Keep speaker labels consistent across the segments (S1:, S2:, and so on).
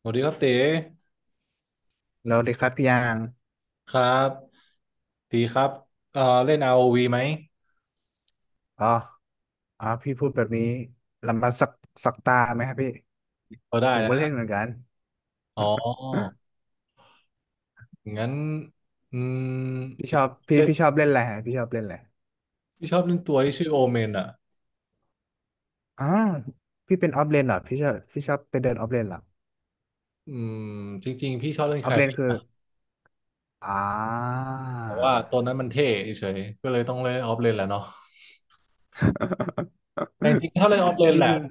S1: สวัสดีครับเต๋
S2: แล้วดีครับพี่ยาง
S1: ครับตีครับเล่น ROV ไหม
S2: อ๋ออ๋อพี่พูดแบบนี้ลำบากสักตาไหมครับพี่
S1: พอได้
S2: ผมก็เล่น
S1: นะ
S2: เหมือนกัน
S1: อ๋อ งั้นอืม
S2: พี่ช
S1: ตี
S2: อบพี่
S1: เล่น
S2: พี่ชอบเล่นอะไรฮะพี่ชอบเล่นอะไร
S1: พี่ชอบเล่นตัวที่ชื่อโอเมนอ่ะ
S2: อ๋อพี่เป็นออฟเลนเหรอพี่ชอบพี่ชอบไปเดินออฟเลนเหรอ
S1: อืมจริงๆพี่ชอบเล่น
S2: อ
S1: ใค
S2: อ
S1: ล
S2: ฟเล
S1: ร
S2: นคือ
S1: นะ
S2: อ่า
S1: แต่ว่าตัวนั้นมันเท่เฉยก็เลยต้องเล่นออฟเลนแหละเนาะแต่จริงๆถ้าเล่นออฟเล น
S2: ที่
S1: แห
S2: จ
S1: ละ
S2: ริง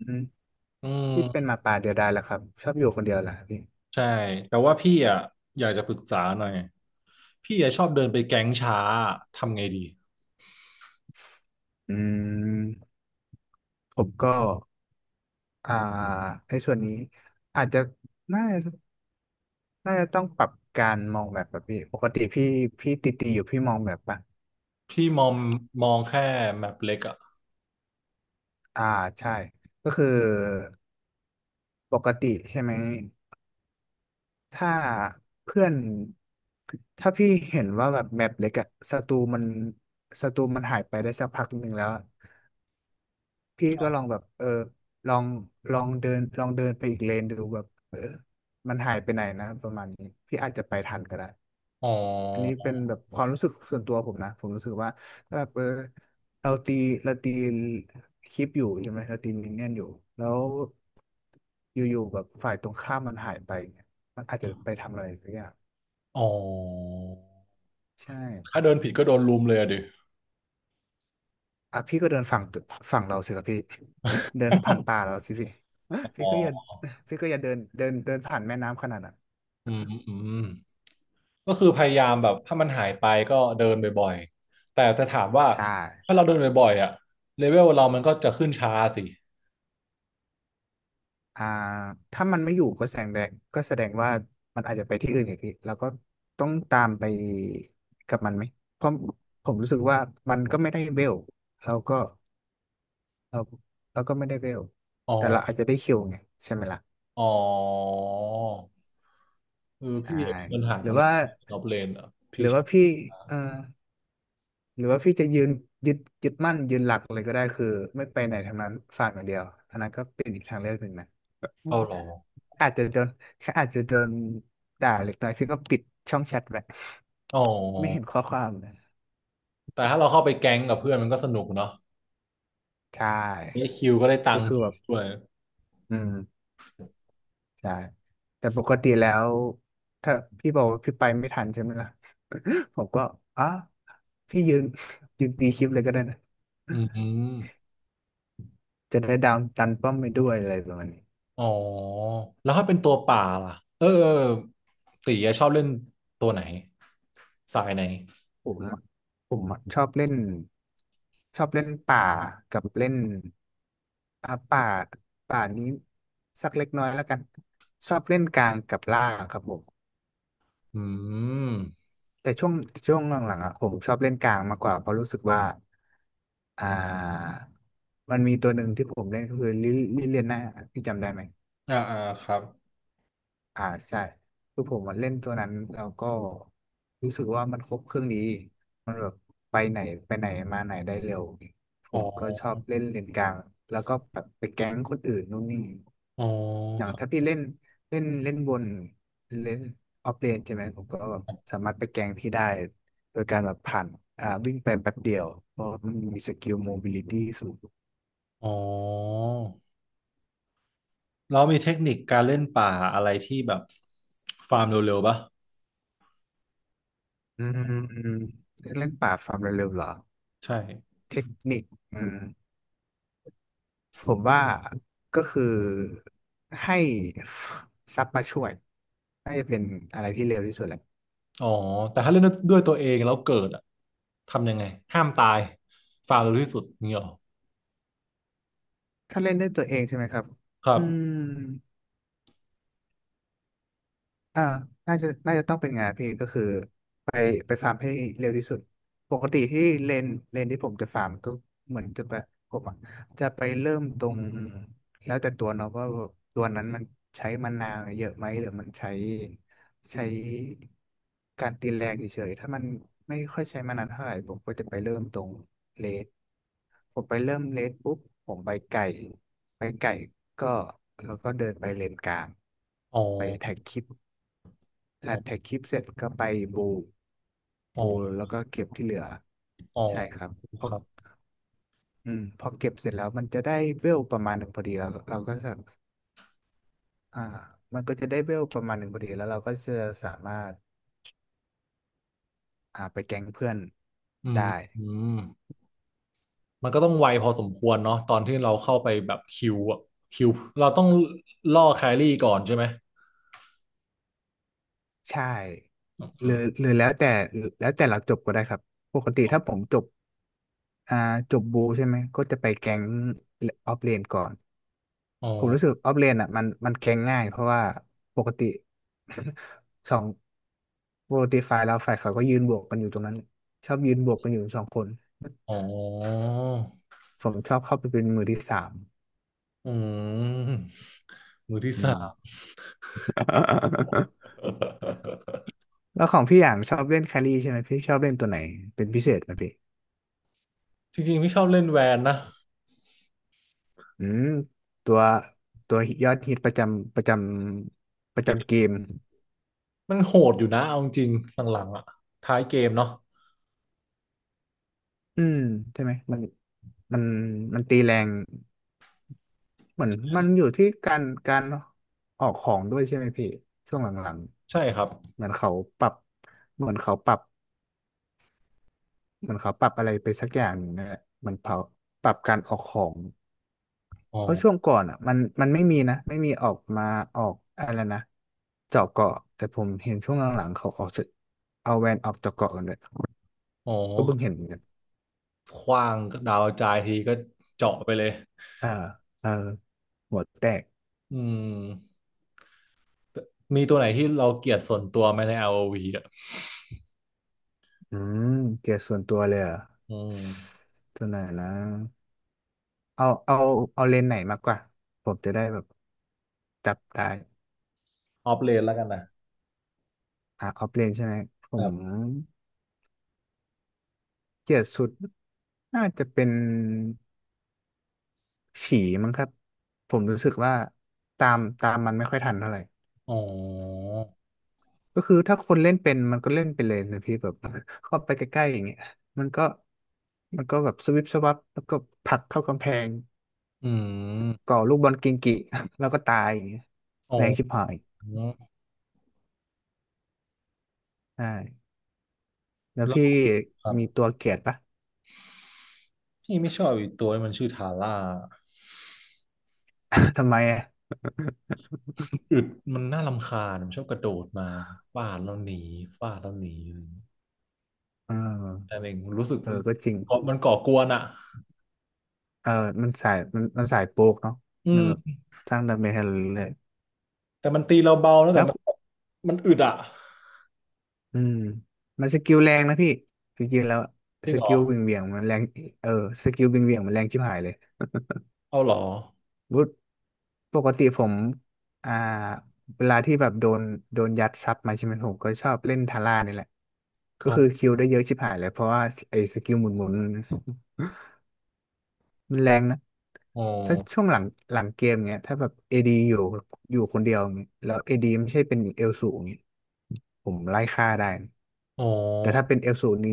S2: อืม
S1: อื
S2: พี่เป็นห
S1: ม
S2: มาป่าเดียวดายแหละครับชอบอยู่คนเดียวแหละพี่
S1: ใช่แต่ว่าพี่อ่ะอยากจะปรึกษาหน่อยพี่อ่ะชอบเดินไปแก๊งช้าทำไงดี
S2: อืมผมก็อ่าในส่วนนี้อาจจะน่า น่าจะต้องปรับการมองแบบพี่ ปกติพี่ติตีอยู่พี่มองแบบปะ
S1: พี่มองมองแค่แมปเล็กอ่ะ
S2: อ่าใช่ ก็คือปกติใช่ไหมถ้าเพื่อนถ้าพี่เห็นว่าแบบแมปเล็กอะศัตรูมันหายไปได้สักพักหนึ่งแล้วอะพี่ก็ลองแบบลองลองเดินลองเดินไปอีกเลนดูแบบมันหายไปไหนนะประมาณนี้ พี่อาจจะไปทันก็ได้
S1: อ๋อ
S2: อันนี้เป็นแบบความรู้สึกส่วนตัวผมนะผมรู้สึกว่าถ้าแบบเราตีเราตีคลิปอยู่ใช่ไหมเราตีมินเนี่ยนอยู่แล้วอยู่ๆแบบฝ่ายตรงข้ามมันหายไปเนี่ยมันอาจจะไปทำอะไรสักอย่าง
S1: อ๋อ
S2: ใช่
S1: ถ้าเดินผิดก็โดนลุมเลยอะดิ
S2: อ่ะพี่ก็เดินฝั่งตึกฝั่งเราสิครับพี่ เดินผ่านป่าเราสิพี่
S1: อ๋
S2: พี่ก็อย่า
S1: อ
S2: พี่ก็อย่าเดินเดินเดินผ่านแม่น้ำขนาดนั้น
S1: อืมก็คือพยายามแบบถ้ามันหายไปก็เดินบ่อยๆ แต่จะถามว่า
S2: ใช่
S1: ถ้าเราเดินบ่อยๆอะเลเวลเรามันก็จะขึ้นช้าสิ
S2: อ่าถ้ามันไม่อยู่ก็แสดงก็แสดงว่ามันอาจจะไปที่อื่นอีกพี่แล้วก็ต้องตามไปกับมันไหมเพราะผมรู้สึกว่ามันก็ไม่ได้เวลเราก็เราเราก็ไม่ได้เวล
S1: อ๋อ
S2: แต่เราอาจจะได้คิวไงใช่ไหมล่ะ
S1: อ๋อคือพี่
S2: ใช่
S1: มีปัญหา
S2: ห
S1: ต
S2: รื
S1: ร
S2: อ
S1: งนี้
S2: ว่า
S1: นอบเลนอ่ะ
S2: ห
S1: พี่
S2: รือ
S1: ชอ
S2: ว่า
S1: บ
S2: พี่เอ่อหรือว่าพี่จะยืนยึดยึดมั่นยืนหลักเลยก็ได้คือไม่ไปไหนทางนั้นฝากอย่างเดียวอันนั้นก็เป็นอีกทางเลือกหนึ่งนะ
S1: เข้ารอ
S2: อาจจะโดนอาจจะโดนด่าเล็กน้อยพี่ก็ปิดช่องแชทไป
S1: อ๋อ
S2: ไม่เห็นข้อความนะ
S1: แต่ถ้าเราเข้าไปแก๊งกับเพื่อนมันก็สนุกเนาะ
S2: ใช
S1: ได้
S2: ่
S1: คิวก็ได้ตั
S2: ก็
S1: งค์
S2: คือแบบ
S1: ด้วย
S2: อืม ใช่ แต่ปกติแล้วถ้าพี่บอกว่าพี่ไปไม่ทันใช่ไหมล่ะ ผมก็อ๋อพี่ยืนยืนตีคลิปเลยก็ได้นะ
S1: อืม
S2: จะได้ดาวน์ตันป้อมไปด้วยอะไรประมาณนี้
S1: อ๋อแล้วถ้าเป็นตัวป่าล่ะเออเออตีอะชอบเล่นตัวไหนสายไหน
S2: ผมอะผมอะชอบเล่นชอบเล่นป่ากับเล่นป่าป่านี้สักเล็กน้อยแล้วกันชอบเล่นกลางกับล่างครับผม
S1: อืม
S2: แต่ช่วงหลังๆอ่ะผมชอบเล่นกลางมากกว่าเพราะรู้สึกว่าอ่ามันมีตัวหนึ่งที่ผมเล่นก็คือลิเลียน่าพี่จำได้ไหม
S1: อ่าอ่าครับ
S2: อ่าใช่คือผมมันเล่นตัวนั้นแล้วก็รู้สึกว่ามันครบเครื่องดีมันแบบไปไหนไปไหนมาไหนได้เร็วผ
S1: อ๋อ
S2: มก็ชอบเล่นเลนกลางแล้วก็แบบไปแก๊งคนอื่นนู่นนี่
S1: อ๋อ
S2: อย่า
S1: ค
S2: ง
S1: รั
S2: ถ้าพี่
S1: บ
S2: เล่นเล่นเล่นบนเล่นออฟเลนใช่ไหมผมก็แบบสามารถไปแกงพี่ได้โดยการแบบผ่านวิ่งไปแป๊บเดียวเพราะมันมีสกิลโมบิลิตี้สูง
S1: อ๋อเรามีเทคนิคการเล่นป่าอะไรที่แบบฟาร์มเร็วๆป่ะ
S2: อืมเล่นป่าฟาร์มเร็วๆเหรอ
S1: ใช่
S2: เทคนิคอืม ผมว่าก็คือให้ซับมาช่วยน่าจะเป็นอะไรที่เร็วที่สุดแหละ
S1: อ๋อแต่ถ้าเล่นด้วยตัวเองแล้วเกิดอะทำยังไงห้ามตายฟาร์มเร็วที่สุดนี่หรอ
S2: ถ้าเล่นด้วยตัวเองใช่ไหมครับ
S1: ครั
S2: อื
S1: บ
S2: ม อ่าน่าจะต้องเป็นไงานพี่ก็คือ ไปไปฟาร์มให้เร็วที่สุดปกติที่เลนเลนที่ผมจะฟาร์มก็เหมือนจะไปผมอะจะไปเริ่มตรงแล้วแต่ตัวเนาะว่าตัวนั้นมันใช้มะนาวเยอะไหมหรือมันใช้การตีแรงเฉยๆถ้ามันไม่ค่อยใช้มานานเท่าไหร่ผมก็จะไปเริ่มตรงเลสผมไปเริ่มเลสปุ๊บผมไปไก่ ก็แล้วก็เดินไปเลนกลาง
S1: อ๋อ
S2: ไปแท็กคลิป
S1: อ๋อ
S2: แท็กคลิปเสร็จก็ไปบู
S1: อ๋อ
S2: บูแล้วก็เก็บที่เหลือ
S1: อ๋อ
S2: ใช่ครับพอ
S1: ครับ
S2: อืมพอเก็บเสร็จแล้วมันจะได้เวลประมาณหนึ่งพอดีแล้วเราก็จะอ่ามันก็จะได้เวลประมาณหนึ่งพอดีแล้วเราก็จะสามารถไปแก๊งเพื่อน
S1: อืม
S2: ได้
S1: อืม มันก็ต้องไวพอสมควรเนาะตอนที่เราเข้าไปแบบคิวอะคิวเราต้องล่อแครี่ก่อนใช่ไหม
S2: ใช่
S1: อ
S2: ห
S1: ๋อ
S2: หรือแล้วแต่เราจบก็ได้ครับปกติถ้าผมจบอ่าจบบูใช่ไหมก็จะไปแก๊งออฟเลนก่อน
S1: อ๋อ
S2: ผมรู้สึกออฟเลนอ่ะมันแก๊งง่ายเพราะว่าปกติ สองปกติฝ่ายเขาก็ยืนบวกกันอยู่ตรงนั้นชอบยืนบวกกันอยู่สองคน
S1: อ๋อ
S2: ผมชอบเข้าไปเป็นมือที่สาม
S1: อืมมือที่
S2: อื
S1: สา
S2: ม
S1: ม
S2: แล้วของพี่อย่างชอบเล่นแครี่ใช่ไหมพี่ชอบเล่นตัวไหนเป็นพิเศษไหมพี่
S1: จริงๆพี่ชอบเล่นแวนนะ
S2: อืมตัวตัวยอดฮิตประ
S1: เก
S2: จำเก
S1: ม
S2: ม
S1: มันโหดอยู่นะเอาจริงๆหลังๆอ่ะท้ายเกมเนาะ
S2: อืมใช่ไหมมันมันตีแรง เหมือนมันอยู่ที่การออกของด้วยใช่ไหมพี่ช่วงหลัง
S1: ใช่ครับ
S2: ๆเหมือนเขาปรับเหมือนเขาปรับเหมือนเขาปรับอะไรไปสักอย่างหนึ่งนนแหละเหมันเขาปรับการออกของ
S1: อ๋อ
S2: เพราะช่วงก่อนอ่ะมันไม่มีนะไม่มีออกมาออกอะไรนะเจาะเกาะแต่ผมเห็นช่วงหลังๆเขาออกจะเอาแวนออกเจาะเกาะกันเลย
S1: อ๋อ
S2: ก็เพิ่งเห็นเหมือนกัน
S1: ขว้างดาวกระจายทีก็เจาะไปเลย
S2: เออเออหัวแตก
S1: อืมมีตัวไหนที่เราเกลียดส่วนตัวไหมในอ o v อวีอ่ะ
S2: อืมเกียร์ส่วนตัวเลยเหรอ่ะ
S1: อืม
S2: ตัวไหนนะ เอาเอาเลนส์ไหนมากกว่าผมจะได้แบบจับได้
S1: ออฟเลนแล้วกันนะ
S2: ออฟเลนใช่ไหมผมเกลียดสุดน่าจะเป็นฉี่มั้งครับผมรู้สึกว่าตามมันไม่ค่อยทันเท่าไหร่
S1: อ๋อ
S2: ก็คือถ้าคนเล่นเป็นมันก็เล่นไปเลยนะพี่แบบ เข้าไปใกล้ๆอย่างเงี้ยมันก็มันก็แบบสวิปสวับแล้วก็ผลักเข้ากำแพง
S1: อืม
S2: ก่อลูกบอลกิงกิ แล้วก็ตายอย่างเงี้ย
S1: อ๋อ
S2: แรงชิบหายใช่แล้ว
S1: แล้ว
S2: พี่
S1: ครับ
S2: มีตัวเกลียดปะ
S1: พี่ไม่ชอบอีกตัวมันชื่อทาร่า
S2: ทำไมอ่ะ
S1: อึดมันน่ารำคาญมันชอบกระโดดมาฟาดแล้วหนีฟาดแล้วหนี
S2: เออ
S1: อะไรอย่างเงี้ยแต่หนึ่งรู้สึก
S2: เออก็จริง
S1: ก่อมันก่อกวนอะ
S2: เออมันสายมันสายโปกเนาะ
S1: อื
S2: มัน
S1: ม
S2: แบบสร้างดาเมจให้เราเรื่อย
S1: แต่มันตีเราเบาแล้ว
S2: ๆ
S1: แต่
S2: แล้ว
S1: มันมันอึดอะ
S2: อืมมันสกิลแรงนะพี่จริงๆแล้ว
S1: จริ
S2: ส
S1: งเหร
S2: กิ
S1: อ
S2: ลวิ่งเหวี่ยงมันแรงเออสกิลวิ่งเหวี่ยงมันแรงชิบหายเลย
S1: เอาเหรอ
S2: วุฒปกติผมอ่าเวลาที่แบบโดนยัดซับมาใช่ไหมผมก็ชอบเล่นทาร่านี่แหละก็
S1: อ๋อ
S2: คือคิวได้เยอะชิบหายเลยเพราะว่าไอ้สกิลหมุนๆ มันแรงนะ
S1: อ๋อ
S2: ถ้าช่วงหลังเกมเงี้ยถ้าแบบเอดีอยู่คนเดียวเงี้ยแล้วเอดีไม่ใช่เป็นเอลสูงเงี้ยผมไล่ฆ่าได้นะ
S1: อ๋อ
S2: แต่ถ้าเป็นเอลสูงนี้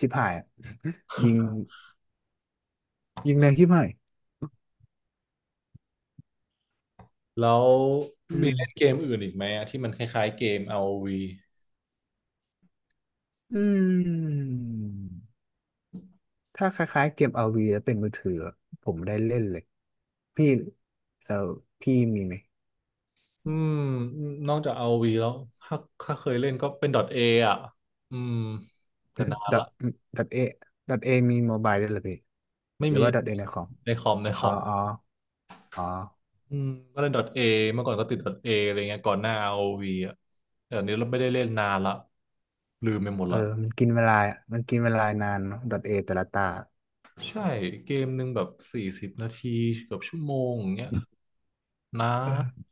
S2: ชิบหายอะ ยิงยิงแรงชิบหาย
S1: แล้ว
S2: อื
S1: มี
S2: ม
S1: เล่นเกมอื่นอีกไหมอะที่มันคล้ายๆเกม r วี
S2: อืมถ้าคล้ายๆเกมเอาร์วีแล้วเป็นมือถือผมได้เล่นเลยพี่แล้วพี่มีไหม
S1: อืมนอกจากอาร์โอวีแล้วถ้าถ้าเคยเล่นก็เป็น .A อ่ะอืมแต่
S2: อืม
S1: นานละ
S2: ดอทเอดอทเอมีโมบายด้วยเหรอพี่
S1: ไม่
S2: หรือ
S1: มี
S2: ว่าดอทเอในคอม
S1: ในคอมในค
S2: อ๋อ
S1: อม
S2: อ๋ออ๋อ
S1: อืมก็เล่น .A เมื่อก่อนก็ติด .A อะไรเงี้ยก่อนหน้า r o ีอ่ะแต่อันนี้เราไม่ได้เล่นนานละลืมไปหมด
S2: เออ
S1: ละ
S2: มันกินเวลามันกินเวลานานเนาะดอทเอแต่ละตา
S1: ใช่เกมหนึ่งแบบ40 นาทีเกือบชั่วโมงอย่างเงี้ยนะ
S2: เออ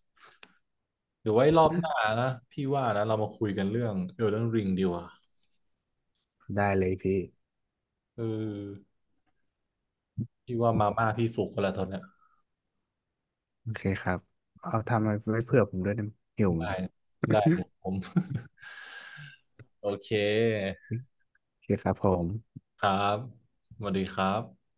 S1: เดี๋ยวไว้รอบหน้านะพี่ว่านะเรามาคุยกันเรื่อง Elden Ring ดีกว่า
S2: ได้เลยพี่
S1: เออพี่ว่ามาม่าพี่สุกกันแล้วตอนเนี้ย
S2: โอเคครับเอาทำไว้เผื่อผมด้วยนะหิวเหมือน
S1: ได้
S2: กัน
S1: ได้เลยผม โอเค
S2: โอเคครับผม
S1: ครับสวัสดีครับ